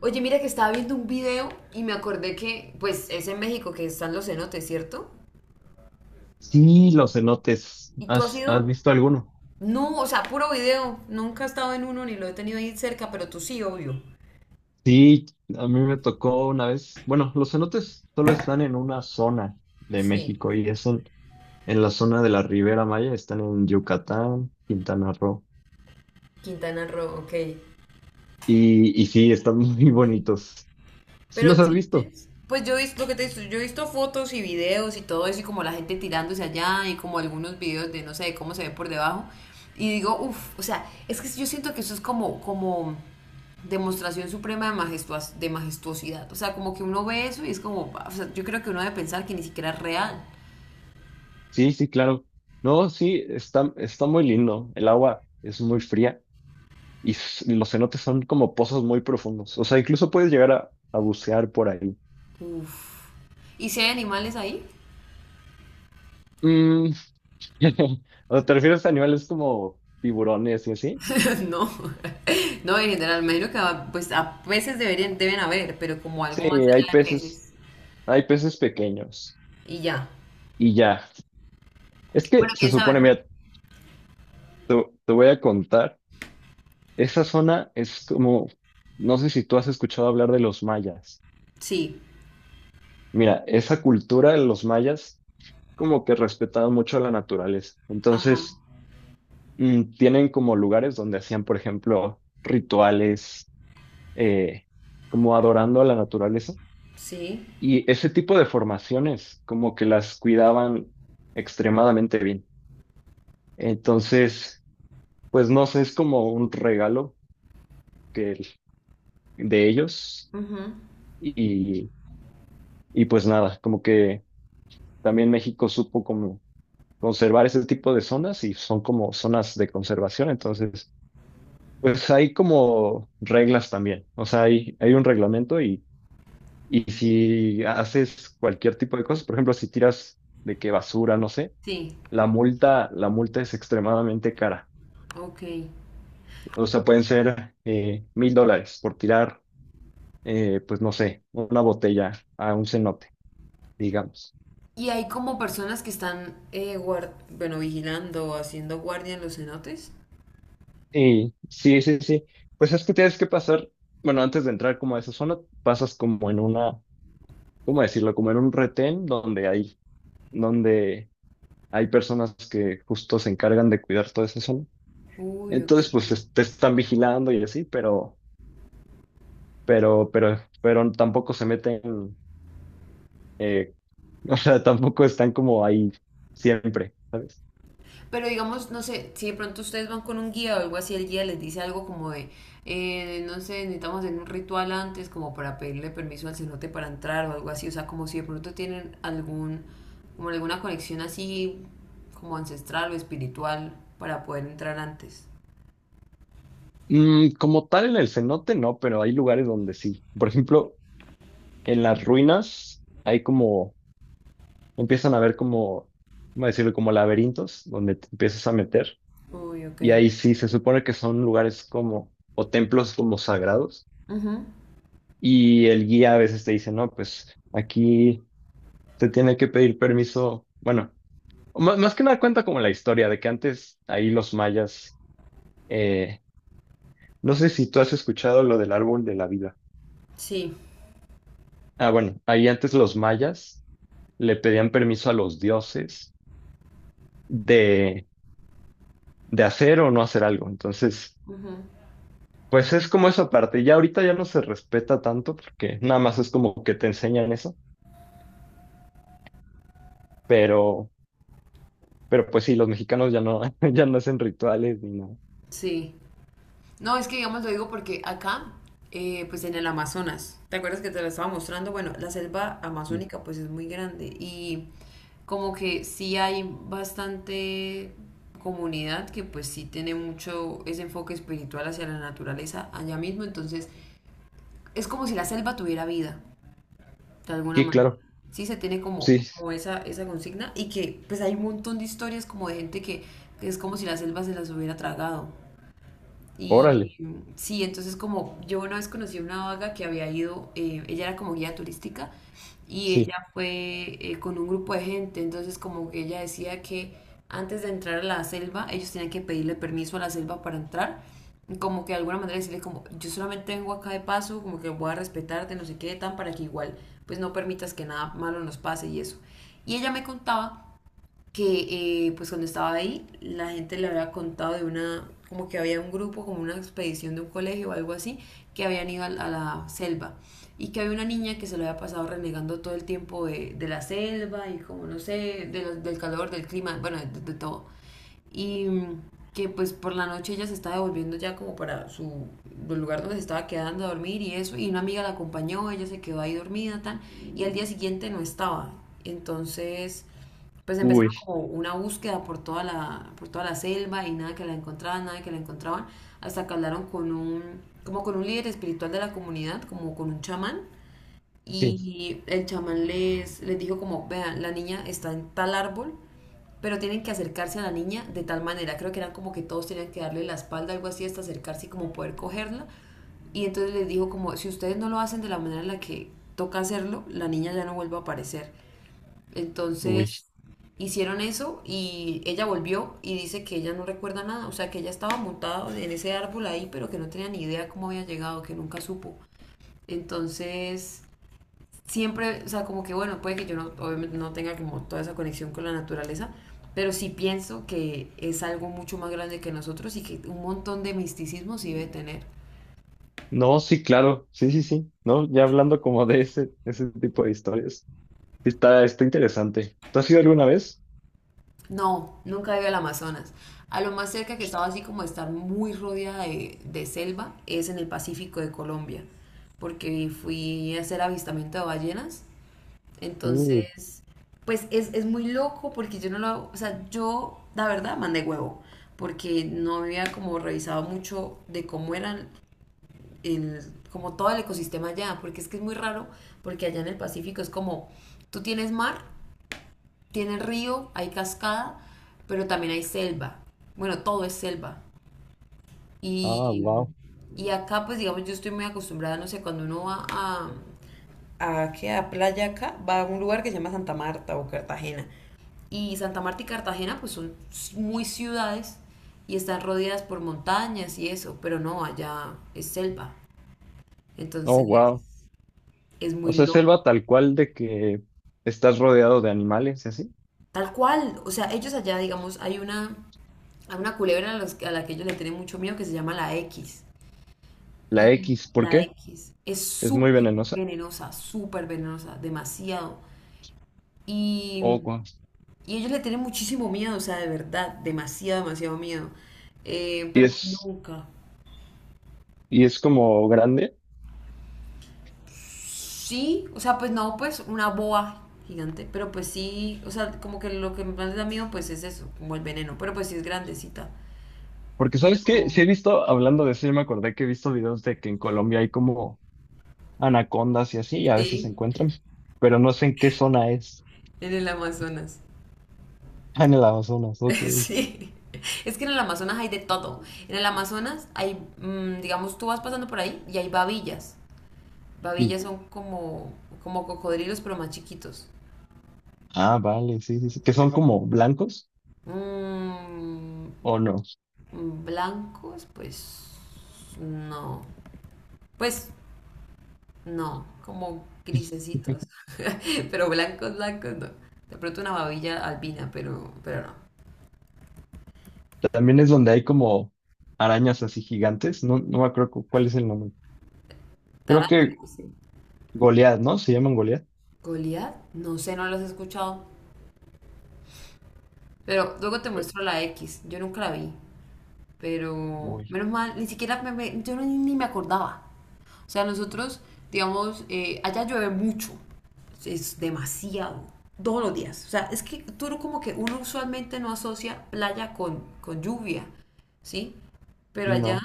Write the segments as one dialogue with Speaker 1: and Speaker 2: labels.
Speaker 1: Oye, mira que estaba viendo un video y me acordé que, pues, es en México que están los cenotes, ¿cierto?
Speaker 2: Sí, los cenotes.
Speaker 1: ¿Y tú has
Speaker 2: ¿Has
Speaker 1: ido?
Speaker 2: visto alguno?
Speaker 1: No, o sea, puro video. Nunca he estado en uno ni lo he tenido ahí cerca, pero tú sí, obvio.
Speaker 2: Sí, a mí me tocó una vez. Bueno, los cenotes solo están en una zona de
Speaker 1: Sí.
Speaker 2: México y es en la zona de la Ribera Maya. Están en Yucatán, Quintana Roo.
Speaker 1: Quintana Roo, ok.
Speaker 2: Y sí, están muy bonitos. ¿Sí
Speaker 1: Pero
Speaker 2: los has visto?
Speaker 1: sientes, pues yo he visto lo que te he visto, yo he visto fotos y videos y todo eso y como la gente tirándose allá y como algunos videos de no sé cómo se ve por debajo y digo, uff, o sea, es que yo siento que eso es como demostración suprema de de majestuosidad, o sea, como que uno ve eso y es como, "Ah, o sea, yo creo que uno debe pensar que ni siquiera es real."
Speaker 2: Sí, sí, claro. No, sí, está muy lindo. El agua es muy fría y los cenotes son como pozos muy profundos. O sea, incluso puedes llegar a bucear por ahí.
Speaker 1: Uff. ¿Y si hay animales ahí?
Speaker 2: Mm. O sea, ¿te refieres a animales como tiburones y así?
Speaker 1: No, no, en general, me imagino que pues a peces deberían, deben haber, pero como algo
Speaker 2: Sí,
Speaker 1: más
Speaker 2: hay
Speaker 1: allá de
Speaker 2: peces,
Speaker 1: peces
Speaker 2: hay peces pequeños
Speaker 1: y ya.
Speaker 2: y ya. Es que
Speaker 1: Bueno,
Speaker 2: se
Speaker 1: quién sabe,
Speaker 2: supone,
Speaker 1: ¿no?
Speaker 2: mira, te, te voy a contar, esa zona es como, no sé si tú has escuchado hablar de los mayas.
Speaker 1: Sí.
Speaker 2: Mira, esa cultura de los mayas como que respetaban mucho la naturaleza.
Speaker 1: Ajá.
Speaker 2: Entonces, tienen como lugares donde hacían, por ejemplo, rituales, eh, como adorando a la naturaleza.
Speaker 1: Sí.
Speaker 2: Y ese tipo de formaciones como que las cuidaban extremadamente bien. Entonces, pues no sé, es como un regalo que, el- de ellos
Speaker 1: Ujú.
Speaker 2: y, y pues nada, como que también México supo como conservar ese tipo de zonas y son como zonas de conservación. Entonces, pues hay como reglas también. O sea, hay un reglamento y si haces cualquier tipo de cosas, por ejemplo, si tiras de que basura, no sé.
Speaker 1: Sí.
Speaker 2: La multa es extremadamente cara.
Speaker 1: Ok.
Speaker 2: O sea, pueden ser, $1,000 por tirar, pues no sé, una botella a un cenote, digamos.
Speaker 1: ¿Y hay como personas que están, bueno, vigilando o haciendo guardia en los cenotes?
Speaker 2: Y sí, sí, sí. Pues es que tienes que pasar, bueno, antes de entrar como a esa zona, pasas como en una, ¿cómo decirlo? Como en un retén donde hay personas que justo se encargan de cuidar toda esa zona.
Speaker 1: Uy, ok.
Speaker 2: Entonces, pues te están vigilando y así, pero, pero tampoco se meten, eh, o sea, tampoco están como ahí siempre, ¿sabes?
Speaker 1: Pero digamos, no sé, si de pronto ustedes van con un guía o algo así, el guía les dice algo como de, no sé, necesitamos hacer un ritual antes como para pedirle permiso al cenote para entrar o algo así. O sea, como si de pronto tienen algún, como alguna conexión así como ancestral o espiritual para poder entrar antes.
Speaker 2: Como tal en el cenote no, pero hay lugares donde sí. Por ejemplo, en las ruinas hay como, empiezan a ver como, ¿cómo decirlo? Como laberintos donde te empiezas a meter.
Speaker 1: Uy, ok.
Speaker 2: Y ahí sí se supone que son lugares como, o templos como sagrados.
Speaker 1: Ujú.
Speaker 2: Y el guía a veces te dice, no, pues aquí te tiene que pedir permiso. Bueno, más, más que nada cuenta como la historia de que antes ahí los mayas, eh, no sé si tú has escuchado lo del árbol de la vida.
Speaker 1: Sí,
Speaker 2: Ah, bueno, ahí antes los mayas le pedían permiso a los dioses de, de hacer o no hacer algo. Entonces, pues es como esa parte. Ya ahorita ya no se respeta tanto porque nada más es como que te enseñan eso, pero, pero pues sí, los mexicanos ya no, ya no hacen rituales ni nada.
Speaker 1: sí. No, es que digamos lo digo porque acá, pues en el Amazonas, ¿te acuerdas que te lo estaba mostrando? Bueno, la selva
Speaker 2: Sí,
Speaker 1: amazónica pues es muy grande y como que sí hay bastante comunidad que pues sí tiene mucho ese enfoque espiritual hacia la naturaleza allá mismo, entonces es como si la selva tuviera vida, de alguna
Speaker 2: sí,
Speaker 1: manera.
Speaker 2: claro.
Speaker 1: Sí, se tiene como,
Speaker 2: Sí,
Speaker 1: como esa consigna y que pues hay un montón de historias como de gente que es como si la selva se las hubiera tragado. Y
Speaker 2: órale.
Speaker 1: sí, entonces como yo una vez conocí a una vaga que había ido, ella era como guía turística y ella
Speaker 2: Sí,
Speaker 1: fue con un grupo de gente, entonces como que ella decía que antes de entrar a la selva ellos tenían que pedirle permiso a la selva para entrar, y como que de alguna manera decirle como yo solamente vengo acá de paso, como que voy a respetarte, no sé qué, tan para que igual pues no permitas que nada malo nos pase y eso. Y ella me contaba que pues cuando estaba ahí la gente le había contado de una, como que había un grupo, como una expedición de un colegio o algo así, que habían ido a la selva y que había una niña que se lo había pasado renegando todo el tiempo de la selva y como no sé, de del calor, del clima, bueno, de todo. Y que pues por la noche ella se estaba devolviendo ya como para su el lugar donde se estaba quedando a dormir y eso, y una amiga la acompañó, ella se quedó ahí dormida, tan, y al día siguiente no estaba. Entonces pues empezaron
Speaker 2: uy,
Speaker 1: como una búsqueda por toda la selva y nada que la encontraban, nada que la encontraban, hasta que hablaron con un, como con un líder espiritual de la comunidad, como con un chamán,
Speaker 2: sí,
Speaker 1: y el chamán les, les dijo como, vean, la niña está en tal árbol, pero tienen que acercarse a la niña de tal manera, creo que eran como que todos tenían que darle la espalda, algo así, hasta acercarse y como poder cogerla, y entonces les dijo como, si ustedes no lo hacen de la manera en la que toca hacerlo, la niña ya no vuelve a aparecer.
Speaker 2: uy.
Speaker 1: Entonces hicieron eso y ella volvió y dice que ella no recuerda nada, o sea, que ella estaba montada en ese árbol ahí, pero que no tenía ni idea cómo había llegado, que nunca supo. Entonces, siempre, o sea, como que bueno, puede que yo no, obviamente no tenga como toda esa conexión con la naturaleza, pero sí pienso que es algo mucho más grande que nosotros y que un montón de misticismo sí debe tener.
Speaker 2: No, sí, claro. Sí, sí, sí. No, ya hablando como de ese tipo de historias. Está interesante. ¿Tú has ido alguna vez?
Speaker 1: No, nunca he ido al Amazonas. A lo más cerca que he estado así como de estar muy rodeada de selva es en el Pacífico de Colombia, porque fui a hacer avistamiento de ballenas.
Speaker 2: Uh,
Speaker 1: Entonces, pues es muy loco porque yo no lo hago, o sea, yo la verdad mandé huevo, porque no había como revisado mucho de cómo eran el, como todo el ecosistema allá, porque es que es muy raro, porque allá en el Pacífico es como, tú tienes mar, tiene río, hay cascada, pero también hay selva. Bueno, todo es selva.
Speaker 2: ah,
Speaker 1: Y,
Speaker 2: wow.
Speaker 1: y acá, pues digamos, yo estoy muy acostumbrada, no sé, cuando uno va a... ¿A qué? A playa acá, va a un lugar que se llama Santa Marta o Cartagena. Y Santa Marta y Cartagena, pues son muy ciudades y están rodeadas por montañas y eso, pero no, allá es selva.
Speaker 2: Oh,
Speaker 1: Entonces,
Speaker 2: wow.
Speaker 1: es
Speaker 2: O
Speaker 1: muy
Speaker 2: sea,
Speaker 1: loco.
Speaker 2: selva tal cual de que estás rodeado de animales y así.
Speaker 1: Tal cual, o sea, ellos allá, digamos, hay una culebra a, a la que ellos le tienen mucho miedo que se llama la X.
Speaker 2: La
Speaker 1: Y
Speaker 2: X, ¿por
Speaker 1: la
Speaker 2: qué?
Speaker 1: X es
Speaker 2: Es muy venenosa.
Speaker 1: súper venenosa, demasiado. Y,
Speaker 2: Oh, wow.
Speaker 1: y ellos le tienen muchísimo miedo, o sea, de verdad, demasiado, demasiado miedo.
Speaker 2: Y
Speaker 1: Pero pues
Speaker 2: es,
Speaker 1: nunca.
Speaker 2: y es como grande.
Speaker 1: Sí, o sea, pues no, pues una boa gigante, pero pues sí, o sea, como que lo que más les da miedo, pues es eso, como el veneno, pero pues sí es grandecita.
Speaker 2: Porque, ¿sabes
Speaker 1: Pero
Speaker 2: qué? Sí he visto, hablando de eso, yo me acordé que he visto videos de que en Colombia hay como anacondas y así, y a veces se
Speaker 1: sí.
Speaker 2: encuentran, pero no sé en qué zona es.
Speaker 1: En el Amazonas.
Speaker 2: Ah, en el Amazonas, ok.
Speaker 1: Sí. Es que en el Amazonas hay de todo. En el Amazonas hay, digamos, tú vas pasando por ahí y hay babillas.
Speaker 2: Sí.
Speaker 1: Babillas son como, como cocodrilos, pero más chiquitos.
Speaker 2: Ah, vale, sí, sí, sí. ¿Que son como blancos
Speaker 1: Mm,
Speaker 2: o no?
Speaker 1: blancos, pues no. Pues no, como grisecitos. Pero blancos, blancos no. De pronto una babilla albina, pero no.
Speaker 2: También es donde hay como arañas así gigantes. No, no me acuerdo cuál es el nombre. Creo que
Speaker 1: Tarántulas.
Speaker 2: Goliath, ¿no? ¿Se llaman Goliath?
Speaker 1: Goliat, no sé, no los he escuchado. Pero luego te
Speaker 2: Pe-
Speaker 1: muestro la X. Yo nunca la vi. Pero
Speaker 2: Uy,
Speaker 1: menos mal, ni siquiera me, yo ni me acordaba. O sea, nosotros, digamos, allá llueve mucho. Es demasiado. Todos los días. O sea, es que tú como que uno usualmente no asocia playa con lluvia. ¿Sí? Pero
Speaker 2: sí,
Speaker 1: allá
Speaker 2: no.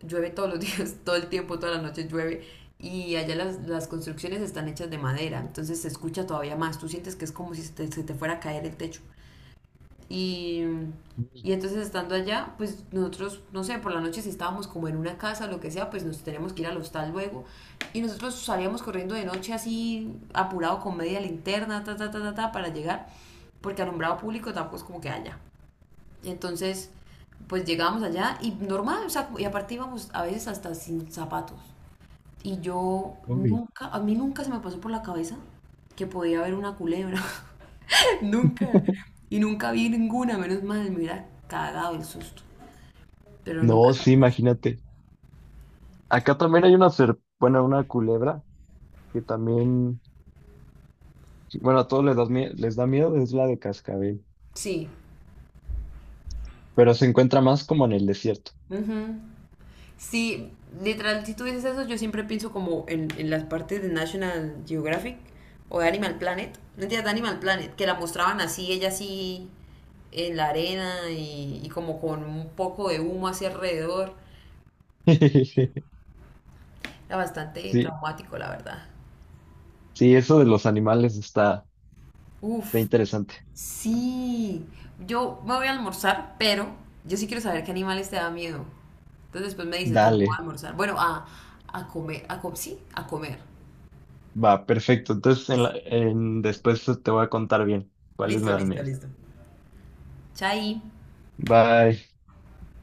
Speaker 1: llueve todos los días, todo el tiempo, toda la noche llueve. Y allá las construcciones están hechas de madera. Entonces se escucha todavía más. Tú sientes que es como si se te, se te fuera a caer el techo. Y, y entonces estando allá, pues nosotros, no sé, por la noche si estábamos como en una casa, o lo que sea, pues nos teníamos que ir al hostal luego. Y nosotros salíamos corriendo de noche así, apurado con media linterna, ta, ta, ta, ta, ta, para llegar, porque alumbrado público tampoco es como que haya. Y entonces, pues llegábamos allá y normal, o sea, y aparte íbamos a veces hasta sin zapatos. Y yo
Speaker 2: Zombie.
Speaker 1: nunca, a mí nunca se me pasó por la cabeza que podía haber una culebra. Nunca. Y nunca vi ninguna, menos mal, me hubiera cagado el susto. Pero nunca
Speaker 2: No, sí,
Speaker 1: jamás.
Speaker 2: imagínate. Acá también hay una culebra que también, sí, bueno, a todos les da miedo, es la de cascabel,
Speaker 1: Sí.
Speaker 2: pero se encuentra más como en el desierto.
Speaker 1: Ujú. Sí, literal, si tú dices eso, yo siempre pienso como en las partes de National Geographic o de Animal Planet. No entiendes, de Animal Planet, que la mostraban así, ella así en la arena y como con un poco de humo hacia alrededor. Era bastante
Speaker 2: Sí,
Speaker 1: traumático, la verdad.
Speaker 2: sí, eso de los animales está
Speaker 1: Uf,
Speaker 2: interesante.
Speaker 1: sí. Yo me voy a almorzar, pero yo sí quiero saber qué animales te da miedo. Entonces después me dices, pero no voy a
Speaker 2: Dale,
Speaker 1: almorzar. Bueno, a comer, a sí, a comer.
Speaker 2: va, perfecto. Entonces,
Speaker 1: Eso.
Speaker 2: después te voy a contar bien cuáles me
Speaker 1: Listo,
Speaker 2: dan
Speaker 1: listo,
Speaker 2: miedo.
Speaker 1: listo. Chai.
Speaker 2: Bye.